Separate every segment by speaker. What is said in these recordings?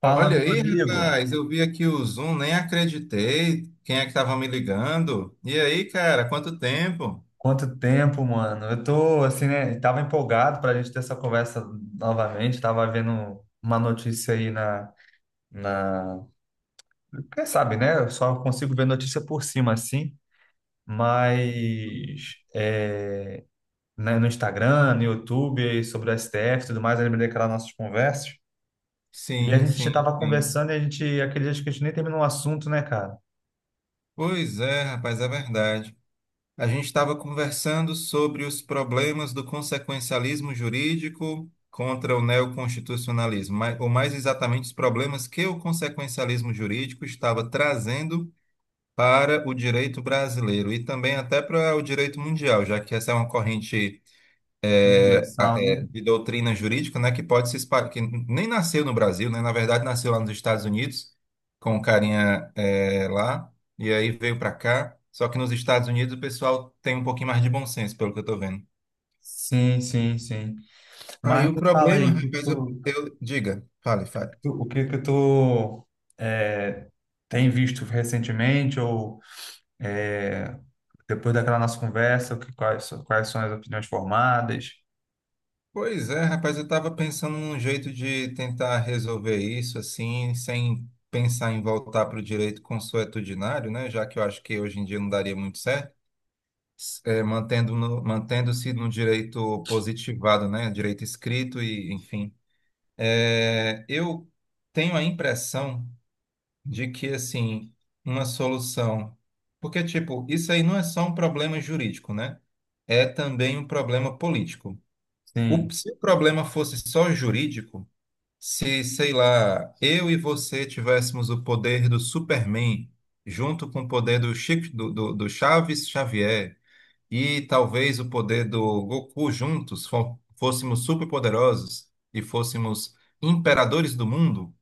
Speaker 1: Fala,
Speaker 2: Olha
Speaker 1: meu
Speaker 2: aí,
Speaker 1: amigo.
Speaker 2: rapaz, eu vi aqui o Zoom, nem acreditei. Quem é que estava me ligando? E aí, cara, quanto tempo?
Speaker 1: Quanto tempo, mano? Eu tô assim, né? Tava empolgado pra gente ter essa conversa novamente. Tava vendo uma notícia aí na... Quem sabe, né? Eu só consigo ver notícia por cima, assim. Mas é, né, no Instagram, no YouTube, sobre o STF e tudo mais, eu lembrei daquelas nossas conversas. E a
Speaker 2: Sim,
Speaker 1: gente
Speaker 2: sim,
Speaker 1: tava
Speaker 2: sim.
Speaker 1: conversando e a gente, aquele dia acho que a gente nem terminou o assunto, né, cara?
Speaker 2: Pois é, rapaz, é verdade. A gente estava conversando sobre os problemas do consequencialismo jurídico contra o neoconstitucionalismo, ou mais exatamente os problemas que o consequencialismo jurídico estava trazendo para o direito brasileiro e também até para o direito mundial, já que essa é uma corrente,
Speaker 1: Universal, né?
Speaker 2: de doutrina jurídica, né, que pode se espalhar, que nem nasceu no Brasil, né, na verdade nasceu lá nos Estados Unidos, com um carinha lá, e aí veio para cá, só que nos Estados Unidos o pessoal tem um pouquinho mais de bom senso, pelo que eu tô vendo.
Speaker 1: Sim, sim, sim. Mas
Speaker 2: Aí o
Speaker 1: me fala
Speaker 2: problema,
Speaker 1: aí, o que que
Speaker 2: rapaz,
Speaker 1: tu,
Speaker 2: diga, fale, fale.
Speaker 1: O que que tu é, tem visto recentemente ou é, depois daquela nossa conversa, quais são as opiniões formadas?
Speaker 2: Pois é, rapaz, eu tava pensando num jeito de tentar resolver isso, assim, sem pensar em voltar para o direito consuetudinário, né, já que eu acho que hoje em dia não daria muito certo. Mantendo-se no direito positivado, né? Direito escrito e, enfim. É, eu tenho a impressão de que, assim, uma solução... Porque, tipo, isso aí não é só um problema jurídico, né? É também um problema político.
Speaker 1: Sim.
Speaker 2: Se o problema fosse só jurídico, se, sei lá, eu e você tivéssemos o poder do Superman junto com o poder do Chico, do, do Chaves Xavier, e talvez o poder do Goku juntos fôssemos superpoderosos e fôssemos imperadores do mundo,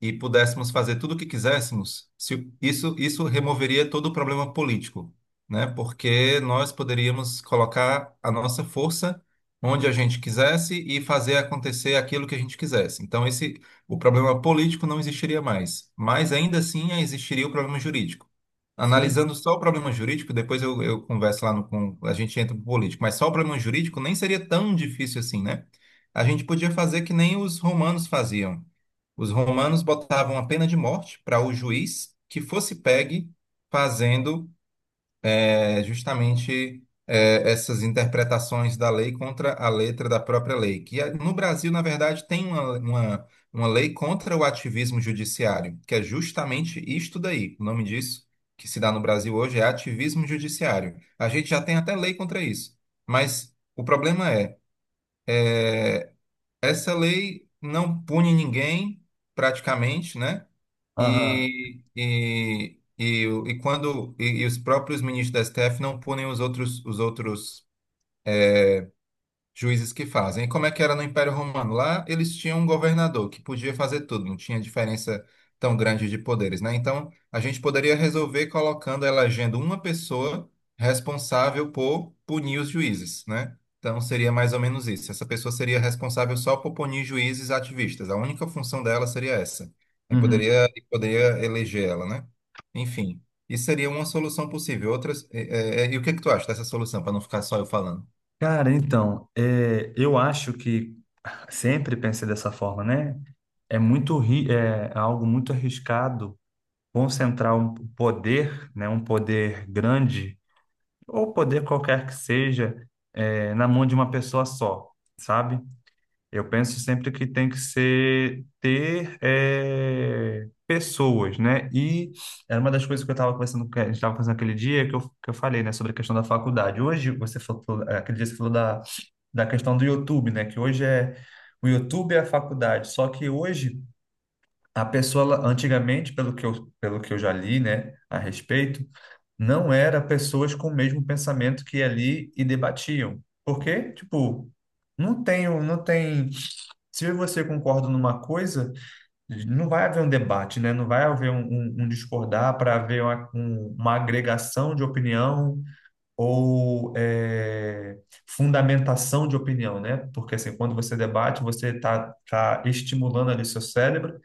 Speaker 2: e pudéssemos fazer tudo o que quiséssemos, isso removeria todo o problema político, né? Porque nós poderíamos colocar a nossa força onde a gente quisesse e fazer acontecer aquilo que a gente quisesse. Então, o problema político não existiria mais, mas ainda assim existiria o problema jurídico.
Speaker 1: Sim.
Speaker 2: Analisando só o problema jurídico, depois eu converso lá no, com, a gente entra pro político, mas só o problema jurídico nem seria tão difícil assim, né? A gente podia fazer que nem os romanos faziam. Os romanos botavam a pena de morte para o juiz que fosse pegue fazendo justamente, é, essas interpretações da lei contra a letra da própria lei. Que é, no Brasil, na verdade, tem uma lei contra o ativismo judiciário, que é justamente isto daí. O nome disso que se dá no Brasil hoje é ativismo judiciário. A gente já tem até lei contra isso. Mas o problema é essa lei não pune ninguém, praticamente, né?
Speaker 1: Aham.
Speaker 2: E quando os próprios ministros da STF não punem os outros juízes que fazem. E como é que era no Império Romano? Lá eles tinham um governador que podia fazer tudo, não tinha diferença tão grande de poderes, né? Então, a gente poderia resolver colocando, elegendo uma pessoa responsável por punir os juízes, né? Então, seria mais ou menos isso. Essa pessoa seria responsável só por punir juízes ativistas. A única função dela seria essa. Aí
Speaker 1: Uhum.
Speaker 2: poderia eleger ela, né? Enfim, isso seria uma solução possível. Outras, e o que que tu acha dessa solução, para não ficar só eu falando?
Speaker 1: Cara, então, eu acho que sempre pensei dessa forma, né? É algo muito arriscado concentrar um poder, né, um poder grande ou poder qualquer que seja, na mão de uma pessoa só, sabe? Eu penso sempre que tem que ser ter eh, pessoas, né? E era uma das coisas que eu estava conversando, que a gente estava fazendo aquele dia que eu falei, né, sobre a questão da faculdade. Hoje você falou, aquele dia você falou da questão do YouTube, né? Que hoje o YouTube é a faculdade. Só que hoje a pessoa, ela- antigamente, pelo que eu já li, né, a respeito não era pessoas com o mesmo pensamento que ia ali e debatiam. Porque, tipo, não tem. Se eu e você concordam numa coisa, não vai haver um debate, né? Não vai haver um discordar para haver uma agregação de opinião ou fundamentação de opinião, né? Porque assim, quando você debate, você está estimulando ali seu cérebro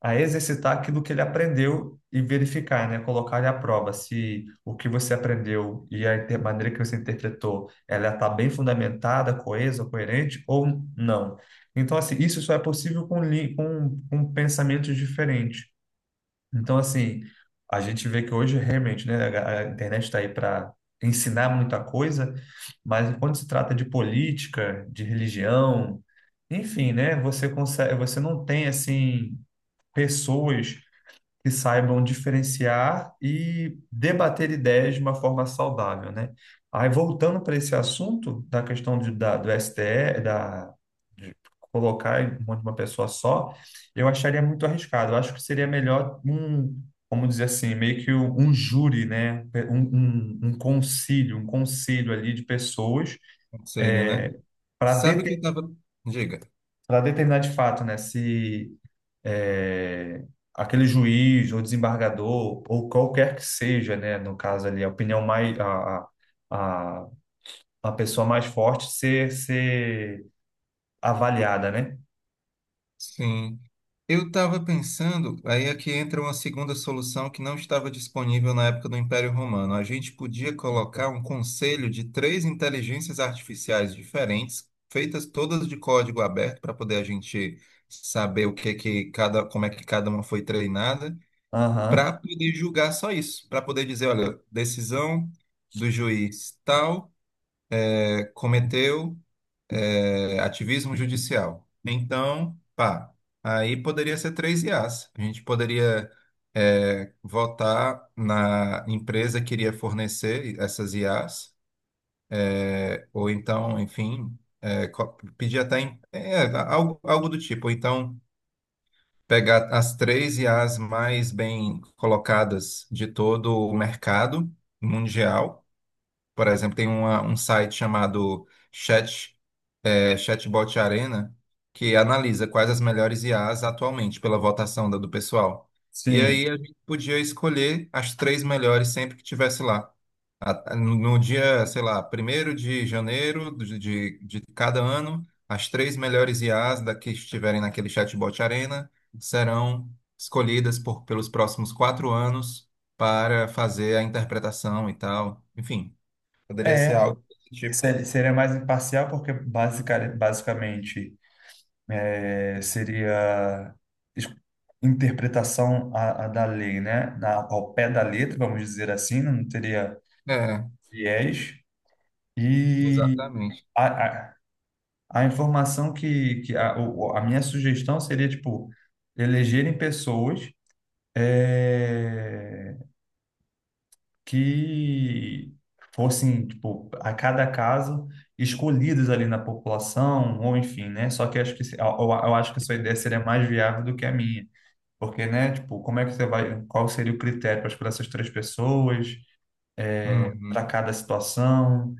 Speaker 1: a exercitar aquilo que ele aprendeu e verificar, né? Colocar ele à prova se o que você aprendeu e a maneira que você interpretou, ela está bem fundamentada, coesa, coerente ou não. Então, assim, isso só é possível com pensamentos diferentes. Então, assim, a gente vê que hoje realmente, né, a internet está aí para ensinar muita coisa, mas quando se trata de política, de religião, enfim, né, você consegue, você não tem assim pessoas que saibam diferenciar e debater ideias de uma forma saudável, né? Aí, voltando para esse assunto da questão do STE, da, de colocar em mão de uma pessoa só, eu acharia muito arriscado. Eu acho que seria melhor um, vamos dizer assim, meio que um, júri, né? Um concílio, um conselho ali de pessoas
Speaker 2: Conselho, né?
Speaker 1: é, para
Speaker 2: Sabe que eu tava. Diga.
Speaker 1: determinar de fato, né, se é, aquele juiz ou desembargador ou qualquer que seja, né, no caso ali, a opinião mais a a pessoa mais forte ser avaliada, né?
Speaker 2: Sim. Eu estava pensando, aí aqui entra uma segunda solução que não estava disponível na época do Império Romano. A gente podia colocar um conselho de três inteligências artificiais diferentes, feitas todas de código aberto, para poder a gente saber o que que cada, como é que cada uma foi treinada, para
Speaker 1: Aham,
Speaker 2: poder julgar só isso, para poder dizer, olha, decisão do juiz tal, cometeu ativismo judicial. Então, pá, aí poderia ser três IAs. A gente poderia votar na empresa que iria fornecer essas IAs, ou então, enfim, pedir até algo do tipo. Ou então, pegar as três IAs mais bem colocadas de todo o mercado mundial. Por exemplo, tem um site chamado Chatbot Arena, que analisa quais as melhores IAs atualmente pela votação do pessoal. E
Speaker 1: sim.
Speaker 2: aí a gente podia escolher as três melhores sempre que tivesse lá. No dia, sei lá, primeiro de janeiro de cada ano, as três melhores IAs da que estiverem naquele Chatbot Arena serão escolhidas pelos próximos 4 anos para fazer a interpretação e tal. Enfim. Poderia
Speaker 1: É,
Speaker 2: ser algo desse tipo.
Speaker 1: seria mais imparcial porque basicamente seria es- interpretação a da lei, né? Na, ao pé da letra, vamos dizer assim, não teria
Speaker 2: É,
Speaker 1: viés. E
Speaker 2: exatamente.
Speaker 1: a, a, a informação que a minha sugestão seria, tipo, elegerem pessoas eh, que fossem, tipo, a cada caso escolhidos ali na população, ou enfim, né? Só que acho que eu acho que a sua ideia seria mais viável do que a minha. Porque, né, tipo, como é que você vai, qual seria o critério para escolher essas três pessoas para
Speaker 2: Uhum,
Speaker 1: cada situação?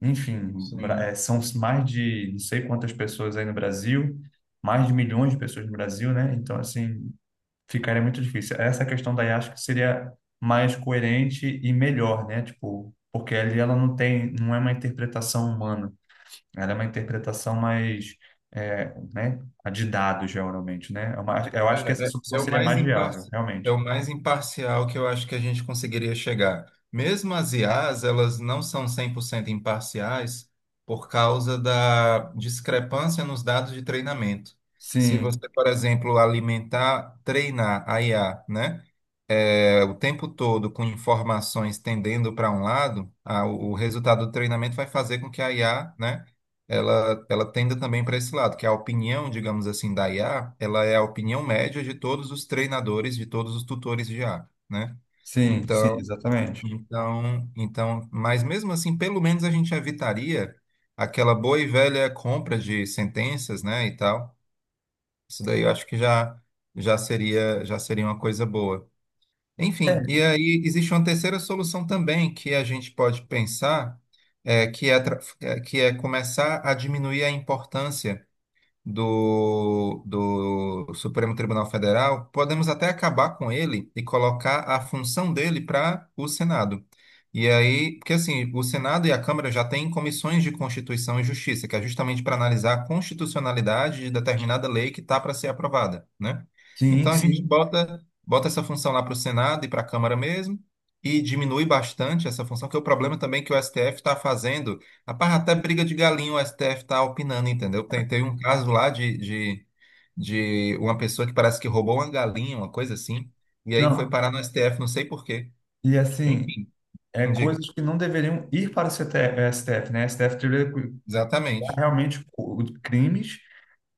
Speaker 1: Enfim,
Speaker 2: sim.
Speaker 1: são mais de não sei quantas pessoas aí no Brasil, mais de milhões de pessoas no Brasil, né? Então, assim, ficaria muito difícil. Essa questão daí acho que seria mais coerente e melhor, né? Tipo, porque ali ela não tem, não é uma interpretação humana, ela é uma interpretação mais, né? A de dados, geralmente, né? Eu acho que essa
Speaker 2: É, é, é
Speaker 1: solução
Speaker 2: o
Speaker 1: seria
Speaker 2: mais
Speaker 1: mais viável,
Speaker 2: imparci... é
Speaker 1: realmente.
Speaker 2: o mais imparcial que eu acho que a gente conseguiria chegar. Mesmo as IAs, elas não são 100% imparciais por causa da discrepância nos dados de treinamento. Se
Speaker 1: Sim,
Speaker 2: você, por exemplo, alimentar, treinar a IA, né? O tempo todo com informações tendendo para um lado, o resultado do treinamento vai fazer com que a IA, né, ela tenda também para esse lado, que a opinião, digamos assim, da IA, ela é a opinião média de todos os treinadores, de todos os tutores de IA, né?
Speaker 1: sim, sim,
Speaker 2: Então,
Speaker 1: exatamente.
Speaker 2: mas mesmo assim, pelo menos a gente evitaria aquela boa e velha compra de sentenças, né, e tal. Isso daí eu acho que já seria uma coisa boa. Enfim, e
Speaker 1: É,
Speaker 2: aí existe uma terceira solução também que a gente pode pensar, que é começar a diminuir a importância do Supremo Tribunal Federal, podemos até acabar com ele e colocar a função dele para o Senado. E aí, porque assim, o Senado e a Câmara já têm comissões de Constituição e Justiça, que é justamente para analisar a constitucionalidade de determinada lei que está para ser aprovada, né?
Speaker 1: sim,
Speaker 2: Então a gente
Speaker 1: sim.
Speaker 2: bota essa função lá para o Senado e para a Câmara mesmo. E diminui bastante essa função, porque o problema também é que o STF está fazendo. Rapaz, até briga de galinha o STF tá opinando, entendeu? Teve um caso lá de uma pessoa que parece que roubou uma galinha, uma coisa assim, e aí foi
Speaker 1: Não,
Speaker 2: parar no STF, não sei por quê.
Speaker 1: e assim.
Speaker 2: Enfim,
Speaker 1: É
Speaker 2: me diga.
Speaker 1: coisas que não deveriam ir para o STF, né? STF deveria cuidar
Speaker 2: Exatamente.
Speaker 1: realmente de crimes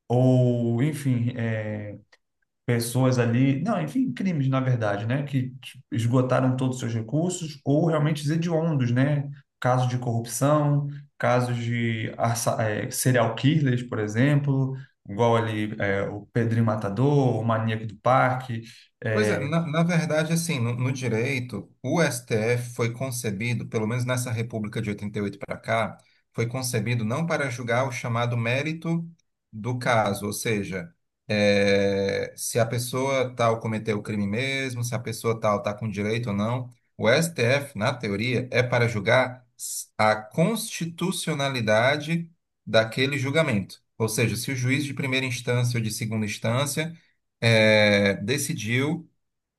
Speaker 1: ou, enfim, pessoas ali, não, enfim, crimes na verdade, né? Que esgotaram todos os seus recursos ou realmente os hediondos, né? Casos de corrupção, casos de serial killers, por exemplo, igual ali o Pedrinho Matador, o Maníaco do Parque,
Speaker 2: Pois é, na verdade, assim, no direito, o STF foi concebido, pelo menos nessa República de 88 para cá, foi concebido não para julgar o chamado mérito do caso, ou seja, se a pessoa tal cometeu o crime mesmo, se a pessoa tal está com direito ou não. O STF, na teoria, é para julgar a constitucionalidade daquele julgamento. Ou seja, se o juiz de primeira instância ou de segunda instância decidiu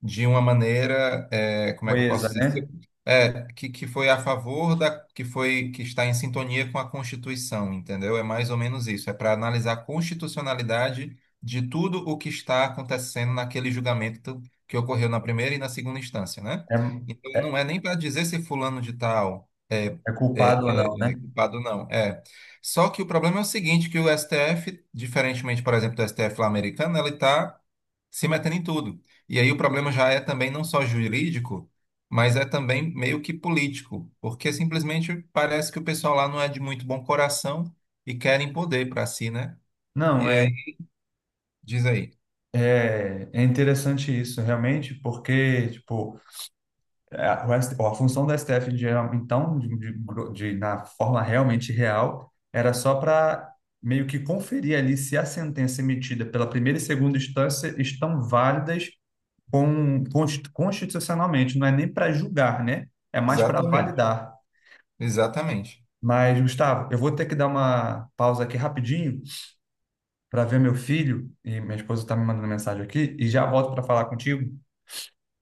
Speaker 2: de uma maneira, como é que eu
Speaker 1: coisa,
Speaker 2: posso
Speaker 1: né?
Speaker 2: dizer? Que foi a favor da, que está em sintonia com a Constituição, entendeu? É mais ou menos isso. É para analisar a constitucionalidade de tudo o que está acontecendo naquele julgamento que ocorreu na primeira e na segunda instância, né?
Speaker 1: É,
Speaker 2: Então,
Speaker 1: é
Speaker 2: não é nem para dizer se fulano de tal
Speaker 1: é
Speaker 2: é,
Speaker 1: culpado ou não,
Speaker 2: é,
Speaker 1: né?
Speaker 2: é culpado, não. É. Só que o problema é o seguinte, que o STF, diferentemente, por exemplo, do STF lá americano, ele está se metendo em tudo. E aí o problema já é também não só jurídico, mas é também meio que político, porque simplesmente parece que o pessoal lá não é de muito bom coração e querem poder para si, né? E
Speaker 1: Não, é.
Speaker 2: aí, diz aí.
Speaker 1: É é interessante isso, realmente, porque, tipo, a função do STF, então, na forma realmente real, era só para meio que conferir ali se a sentença emitida pela primeira e segunda instância estão válidas com, constitucionalmente, não é nem para julgar, né? É mais para
Speaker 2: Exatamente.
Speaker 1: validar.
Speaker 2: Exatamente.
Speaker 1: Mas, Gustavo, eu vou ter que dar uma pausa aqui rapidinho para ver meu filho, e minha esposa está me mandando mensagem aqui, e já volto para falar contigo.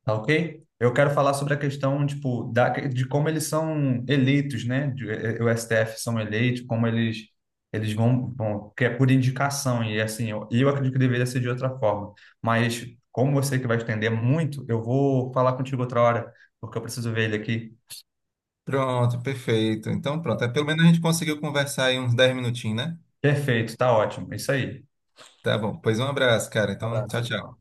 Speaker 1: Tá ok? Eu quero falar sobre a questão, tipo, de como eles são eleitos, né? O STF são eleitos, como eles vão, bom, que é por indicação e assim, eu acredito que deveria ser de outra forma. Mas como você que vai estender muito, eu vou falar contigo outra hora, porque eu preciso ver ele aqui.
Speaker 2: Pronto, perfeito. Então, pronto. É, pelo menos a gente conseguiu conversar aí uns 10 minutinhos, né?
Speaker 1: Perfeito, tá ótimo. Isso aí.
Speaker 2: Tá bom. Pois um abraço, cara.
Speaker 1: Um
Speaker 2: Então, tchau,
Speaker 1: abraço,
Speaker 2: tchau.
Speaker 1: tchau.